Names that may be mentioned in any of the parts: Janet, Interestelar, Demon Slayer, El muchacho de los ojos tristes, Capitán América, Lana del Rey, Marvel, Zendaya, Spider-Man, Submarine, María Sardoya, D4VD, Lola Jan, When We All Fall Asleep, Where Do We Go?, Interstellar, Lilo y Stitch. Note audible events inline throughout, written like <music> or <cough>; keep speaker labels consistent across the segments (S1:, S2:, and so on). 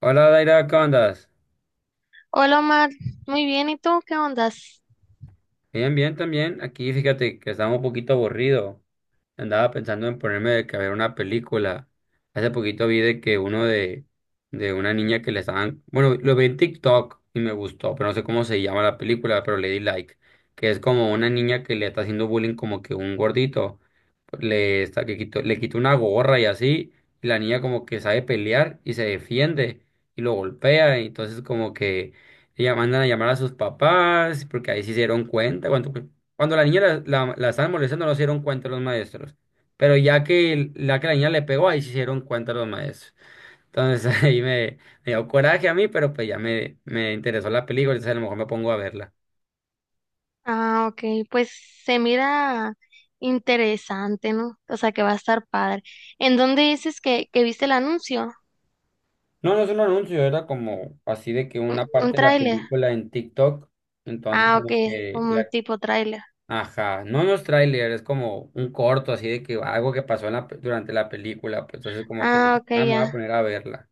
S1: Hola, Daira, ¿cómo andas?
S2: Hola Omar, muy bien, ¿y tú qué ondas?
S1: Bien, bien, también. Aquí fíjate que estaba un poquito aburrido. Andaba pensando en ponerme de que a ver una película. Hace poquito vi de que uno de una niña que le estaban. Bueno, lo vi en TikTok y me gustó, pero no sé cómo se llama la película, pero le di like. Que es como una niña que le está haciendo bullying como que un gordito. Le, está, que le quita una gorra y así, y la niña como que sabe pelear y se defiende y lo golpea, y entonces como que ella mandan a llamar a sus papás, porque ahí sí se dieron cuenta, cuando, la niña la estaban molestando no se dieron cuenta los maestros, pero ya que, la que la niña le pegó, ahí sí se dieron cuenta los maestros. Entonces <laughs> ahí me, me, dio coraje a mí, pero pues ya me interesó la película, entonces a lo mejor me pongo a verla.
S2: Ah, ok, pues se mira interesante, ¿no? O sea que va a estar padre. ¿En dónde dices que viste el anuncio?
S1: No, no es un anuncio, era como así de que una
S2: Un
S1: parte de la
S2: tráiler?
S1: película en TikTok, entonces
S2: Ah, ok,
S1: como que
S2: como un
S1: la,
S2: tipo tráiler.
S1: ajá, no es tráiler, es como un corto así de que algo que pasó en la durante la película, pues entonces como que
S2: Ah,
S1: dije,
S2: ok,
S1: ah, me voy a
S2: ya.
S1: poner a verla.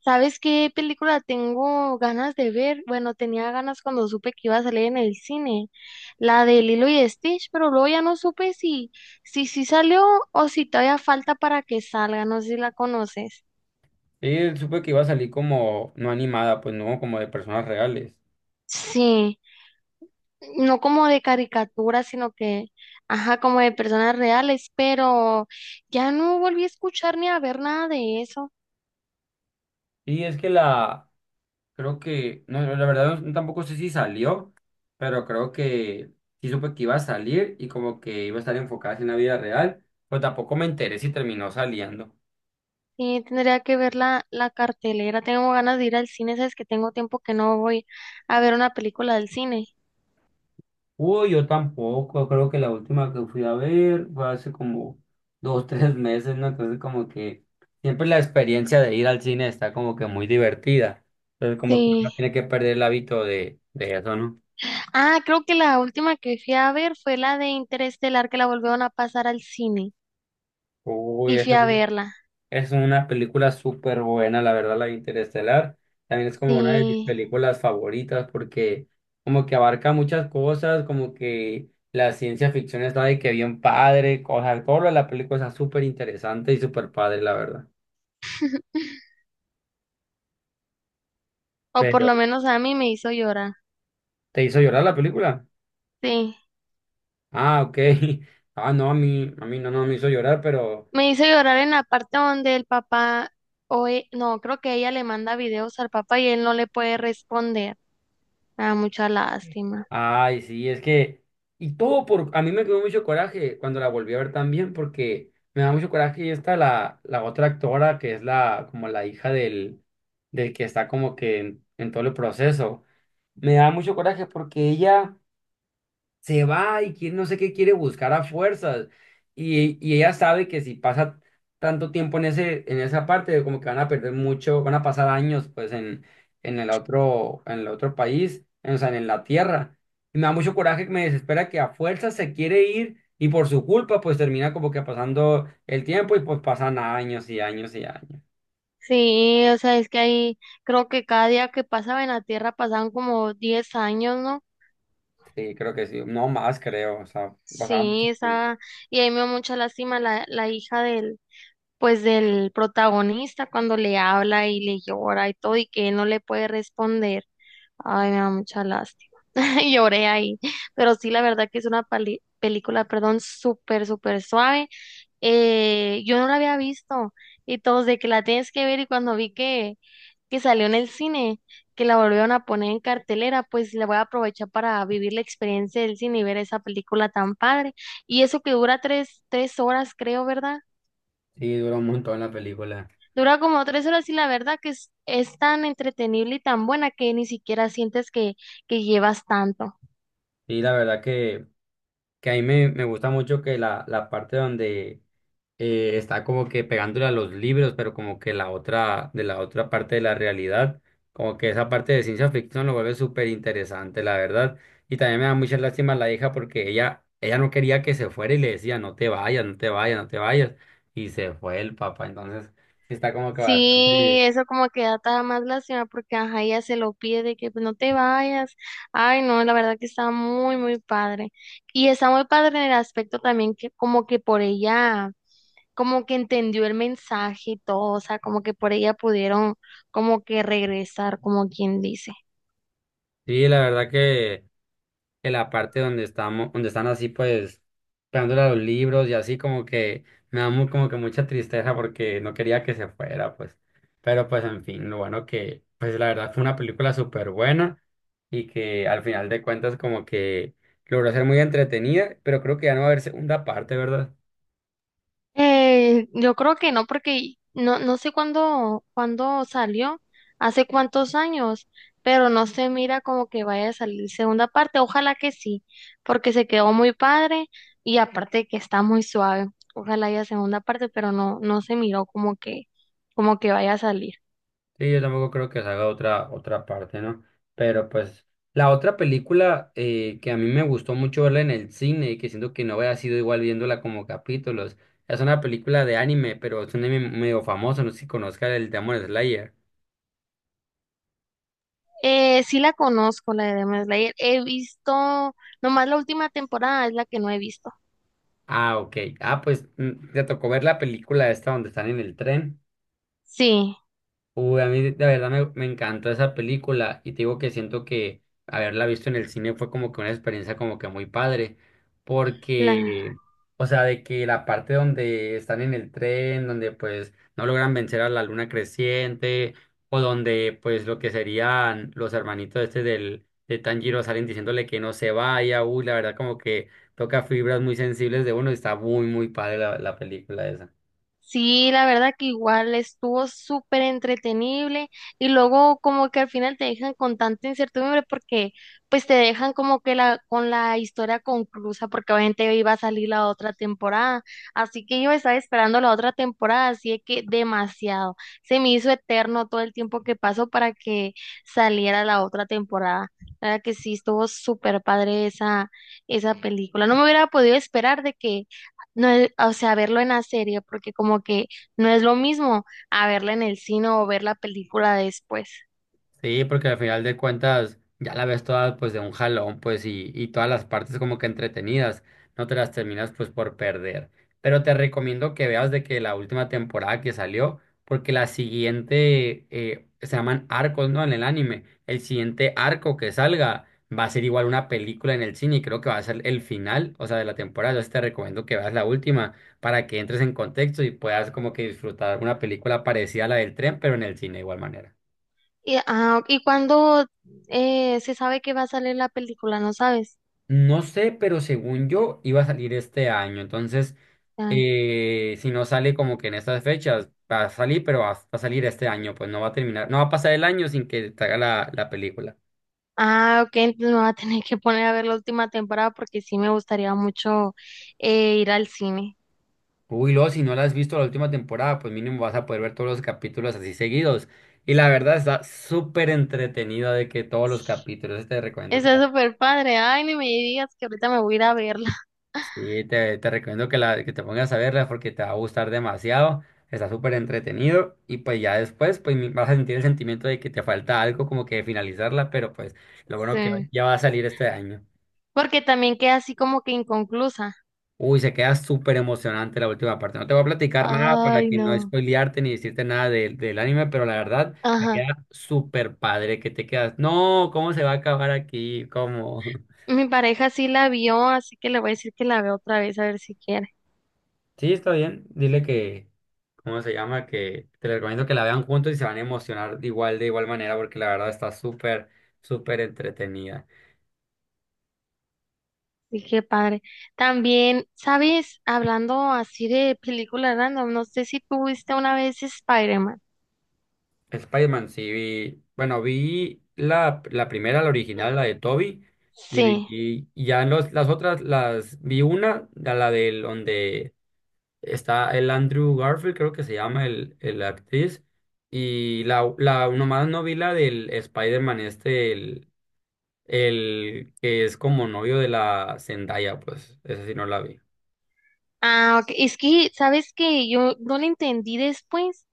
S2: ¿Sabes qué película tengo ganas de ver? Bueno, tenía ganas cuando supe que iba a salir en el cine, la de Lilo y Stitch, pero luego ya no supe si salió o si todavía falta para que salga, no sé si la conoces.
S1: Y supe que iba a salir como no animada, pues no como de personas reales.
S2: Sí, no como de caricatura, sino que, ajá, como de personas reales, pero ya no volví a escuchar ni a ver nada de eso.
S1: Y es que la. Creo que, no, la verdad tampoco sé si salió, pero creo que sí supe que iba a salir y como que iba a estar enfocada en la vida real, pero tampoco me enteré si terminó saliendo.
S2: Sí, tendría que ver la cartelera. Tengo ganas de ir al cine, sabes que tengo tiempo que no voy a ver una película del cine.
S1: Uy, yo tampoco, creo que la última que fui a ver fue hace como dos, <laughs> 3 meses, ¿no? Entonces como que siempre la experiencia de ir al cine está como que muy divertida. Entonces como que uno no
S2: Sí.
S1: tiene que perder el hábito de, eso, ¿no?
S2: Ah, creo que la última que fui a ver fue la de Interestelar, que la volvieron a pasar al cine
S1: Uy,
S2: y fui
S1: eso.
S2: a verla.
S1: Es una película súper buena, la verdad, la de Interestelar. También es como una de mis
S2: Sí.
S1: películas favoritas porque como que abarca muchas cosas, como que la ciencia ficción está de que bien padre, o sea todo lo de la película está súper interesante y súper padre, la verdad.
S2: O por
S1: Pero,
S2: lo menos a mí me hizo llorar.
S1: ¿te hizo llorar la película?
S2: Sí.
S1: Ah, ok. <laughs> Ah, no, a mí, no, no me hizo llorar, pero...
S2: Me hizo llorar en la parte donde el papá, o no, creo que ella le manda videos al papá y él no le puede responder. Me da mucha lástima.
S1: Ay, sí, es que, y todo por, a mí me quedó mucho coraje cuando la volví a ver también, porque me da mucho coraje y está la, otra actora que es la, como la hija del, que está como que en todo el proceso. Me da mucho coraje porque ella se va y quién no sé qué quiere buscar a fuerzas. Y ella sabe que si pasa tanto tiempo en ese, en esa parte, como que van a perder mucho, van a pasar años pues en el otro, en el otro país, en, o sea, en la tierra. Y me da mucho coraje que me desespera que a fuerzas se quiere ir y por su culpa pues termina como que pasando el tiempo y pues pasan años y años y años.
S2: Sí, o sea, es que ahí creo que cada día que pasaba en la tierra pasaban como 10 años, ¿no?
S1: Sí, creo que sí, no más creo, o sea, pasaba mucho
S2: Sí,
S1: tiempo.
S2: esa, y ahí me da mucha lástima la hija del, pues del protagonista cuando le habla y le llora y todo y que él no le puede responder. Ay, me da mucha lástima. <laughs> Lloré ahí. Pero sí, la verdad que es una película, perdón, súper suave. Yo no la había visto y todos de que la tienes que ver y cuando vi que salió en el cine, que la volvieron a poner en cartelera, pues le voy a aprovechar para vivir la experiencia del cine y ver esa película tan padre. Y eso que dura tres horas, creo, ¿verdad?
S1: Sí, duró un montón la película.
S2: Dura como 3 horas y la verdad que es tan entretenible y tan buena que ni siquiera sientes que llevas tanto.
S1: Y la verdad que a mí me gusta mucho que la parte donde está como que pegándole a los libros, pero como que la otra, de la otra parte de la realidad, como que esa parte de ciencia ficción lo vuelve súper interesante, la verdad. Y también me da mucha lástima la hija porque ella no quería que se fuera y le decía, no te vayas, no te vayas, no te vayas. Y se fue el papá, entonces sí está como que
S2: Sí,
S1: bastante...
S2: eso como que da todavía más lástima porque ajá, ella se lo pide de que pues, no te vayas. Ay, no, la verdad que está muy padre. Y está muy padre en el aspecto también que como que por ella, como que entendió el mensaje y todo, o sea, como que por ella pudieron como que regresar, como quien dice.
S1: Sí, la verdad que... en la parte donde estamos, donde están así pues pegándole a los libros y así como que me da muy, como que mucha tristeza porque no quería que se fuera, pues. Pero pues en fin, lo bueno que pues la verdad fue una película súper buena y que al final de cuentas como que logró ser muy entretenida, pero creo que ya no va a haber segunda parte, ¿verdad?
S2: Yo creo que no, porque no, no sé cuándo salió, hace cuántos años, pero no se mira como que vaya a salir segunda parte. Ojalá que sí, porque se quedó muy padre y aparte que está muy suave. Ojalá haya segunda parte, pero no, no se miró como que vaya a salir.
S1: Sí, yo tampoco creo que salga otra, parte, ¿no? Pero pues la otra película que a mí me gustó mucho verla en el cine y que siento que no había sido igual viéndola como capítulos, es una película de anime, pero es un anime medio famoso, no sé si conozcas el Demon Slayer.
S2: Sí la conozco, la de Demon Slayer. He visto, nomás la última temporada es la que no he visto.
S1: Ah, ok. Ah, pues te tocó ver la película esta donde están en el tren.
S2: Sí,
S1: Uy, a mí de verdad me encantó esa película y te digo que siento que haberla visto en el cine fue como que una experiencia como que muy padre,
S2: la,
S1: porque, o sea, de que la parte donde están en el tren, donde pues no logran vencer a la luna creciente, o donde pues lo que serían los hermanitos del, de Tanjiro salen diciéndole que no se vaya, uy, la verdad como que toca fibras muy sensibles de uno y está muy, muy padre la película esa.
S2: Sí, la verdad que igual estuvo súper entretenible y luego como que al final te dejan con tanta incertidumbre porque pues te dejan como que la con la historia conclusa porque obviamente iba a salir la otra temporada, así que yo estaba esperando la otra temporada, así de que demasiado, se me hizo eterno todo el tiempo que pasó para que saliera la otra temporada. La verdad que sí, estuvo súper padre esa película. No me hubiera podido esperar de que no es, o sea, verlo en la serie, porque como que no es lo mismo a verla en el cine o ver la película después.
S1: Sí, porque al final de cuentas ya la ves toda pues de un jalón pues y todas las partes como que entretenidas, no te las terminas pues por perder. Pero te recomiendo que veas de que la última temporada que salió, porque la siguiente se llaman arcos, ¿no? En el anime, el siguiente arco que salga va a ser igual una película en el cine y creo que va a ser el final, o sea, de la temporada. Entonces te recomiendo que veas la última para que entres en contexto y puedas como que disfrutar una película parecida a la del tren, pero en el cine de igual manera.
S2: Y, ah, ¿y cuándo se sabe que va a salir la película? ¿No sabes?
S1: No sé, pero según yo iba a salir este año. Entonces,
S2: Ah,
S1: si no sale como que en estas fechas, va a salir, pero va a salir este año. Pues no va a terminar, no va a pasar el año sin que te haga la, película.
S2: ah, ok, entonces me va a tener que poner a ver la última temporada porque sí me gustaría mucho ir al cine.
S1: Uy, luego, si no la has visto la última temporada, pues mínimo vas a poder ver todos los capítulos así seguidos. Y la verdad está súper entretenida de que todos los capítulos, te recomiendo que...
S2: Está súper padre. Ay, ni me digas que ahorita me voy a ir a verla. <laughs>
S1: Sí, te recomiendo que, la, que te pongas a verla porque te va a gustar demasiado. Está súper entretenido y pues ya después pues vas a sentir el sentimiento de que te falta algo como que finalizarla, pero pues lo bueno que
S2: Sí.
S1: ya va a salir este año.
S2: Porque también queda así como que inconclusa.
S1: Uy, se queda súper emocionante la última parte. No te voy a platicar nada para
S2: Ay,
S1: que no
S2: no.
S1: spoilearte ni decirte nada del anime, pero la verdad se
S2: Ajá.
S1: queda súper padre que te quedas. No, ¿cómo se va a acabar aquí? ¿Cómo? <laughs>
S2: Mi pareja sí la vio, así que le voy a decir que la veo otra vez, a ver si quiere.
S1: Sí, está bien. Dile que, ¿cómo se llama? Que te les recomiendo que la vean juntos y se van a emocionar igual, de igual manera, porque la verdad está súper, súper entretenida.
S2: Y qué padre. También, ¿sabes? Hablando así de películas random, no sé si tú viste una vez Spider-Man.
S1: Spider-Man, sí vi, bueno, vi la, la, primera, la original, la de Toby, y vi
S2: Sí.
S1: y ya los, las otras, las vi una, la, del donde está el Andrew Garfield, creo que se llama el, actriz, y la nomás no vi la del Spider-Man este, el que es como novio de la Zendaya, pues, esa sí no la vi.
S2: Ah, ok. Es que, ¿sabes qué? Yo no lo entendí después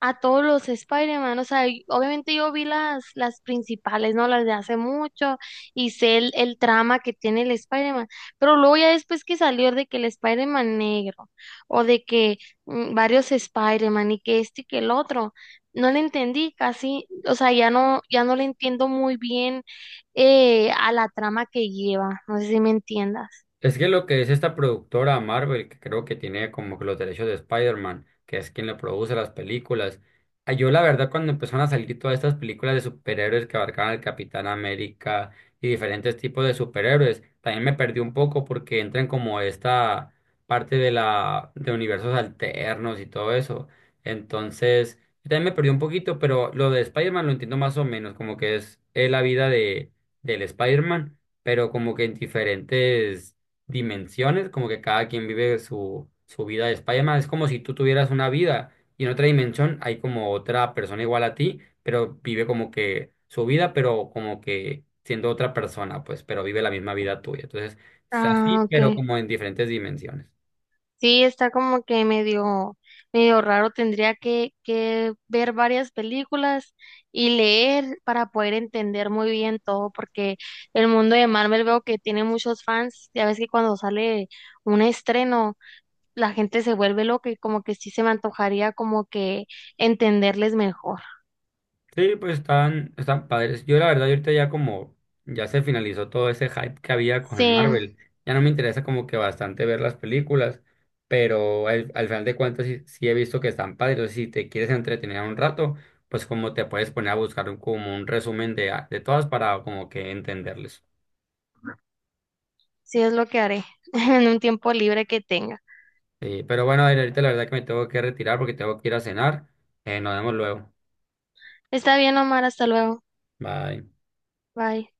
S2: a todos los Spider-Man, o sea, y obviamente yo vi las principales, ¿no? Las de hace mucho y sé el trama que tiene el Spider-Man, pero luego ya después que salió de que el Spider-Man negro o de que mm, varios Spider-Man y que este y que el otro, no le entendí casi, o sea, ya no, ya no le entiendo muy bien a la trama que lleva, no sé si me entiendas.
S1: Es que lo que es esta productora Marvel, que creo que tiene como que los derechos de Spider-Man, que es quien le produce las películas. Ah, yo la verdad cuando empezaron a salir todas estas películas de superhéroes que abarcaban al Capitán América y diferentes tipos de superhéroes, también me perdí un poco porque entran como esta parte de la de universos alternos y todo eso. Entonces, yo también me perdí un poquito, pero lo de Spider-Man lo entiendo más o menos, como que es, la vida de del Spider-Man pero como que en diferentes dimensiones, como que cada quien vive su vida de Spider-Man. Es como si tú tuvieras una vida y en otra dimensión hay como otra persona igual a ti, pero vive como que su vida, pero como que siendo otra persona, pues, pero vive la misma vida tuya. Entonces, es así,
S2: Ah, ok.
S1: pero como en diferentes dimensiones.
S2: Sí, está como que medio, medio raro. Tendría que ver varias películas y leer para poder entender muy bien todo, porque el mundo de Marvel veo que tiene muchos fans. Ya ves que cuando sale un estreno, la gente se vuelve loca y como que sí se me antojaría como que entenderles mejor.
S1: Sí, pues están, padres. Yo la verdad, yo ahorita ya como ya se finalizó todo ese hype que había con
S2: Sí,
S1: Marvel, ya no me interesa como que bastante ver las películas, pero al final de cuentas sí, sí he visto que están padres. Entonces, si te quieres entretener un rato, pues como te puedes poner a buscar como un resumen de todas para como que entenderles.
S2: sí es lo que haré <laughs> en un tiempo libre que tenga.
S1: Sí, pero bueno, a ver, ahorita la verdad que me tengo que retirar porque tengo que ir a cenar. Nos vemos luego.
S2: Está bien, Omar, hasta luego.
S1: Bye.
S2: Bye.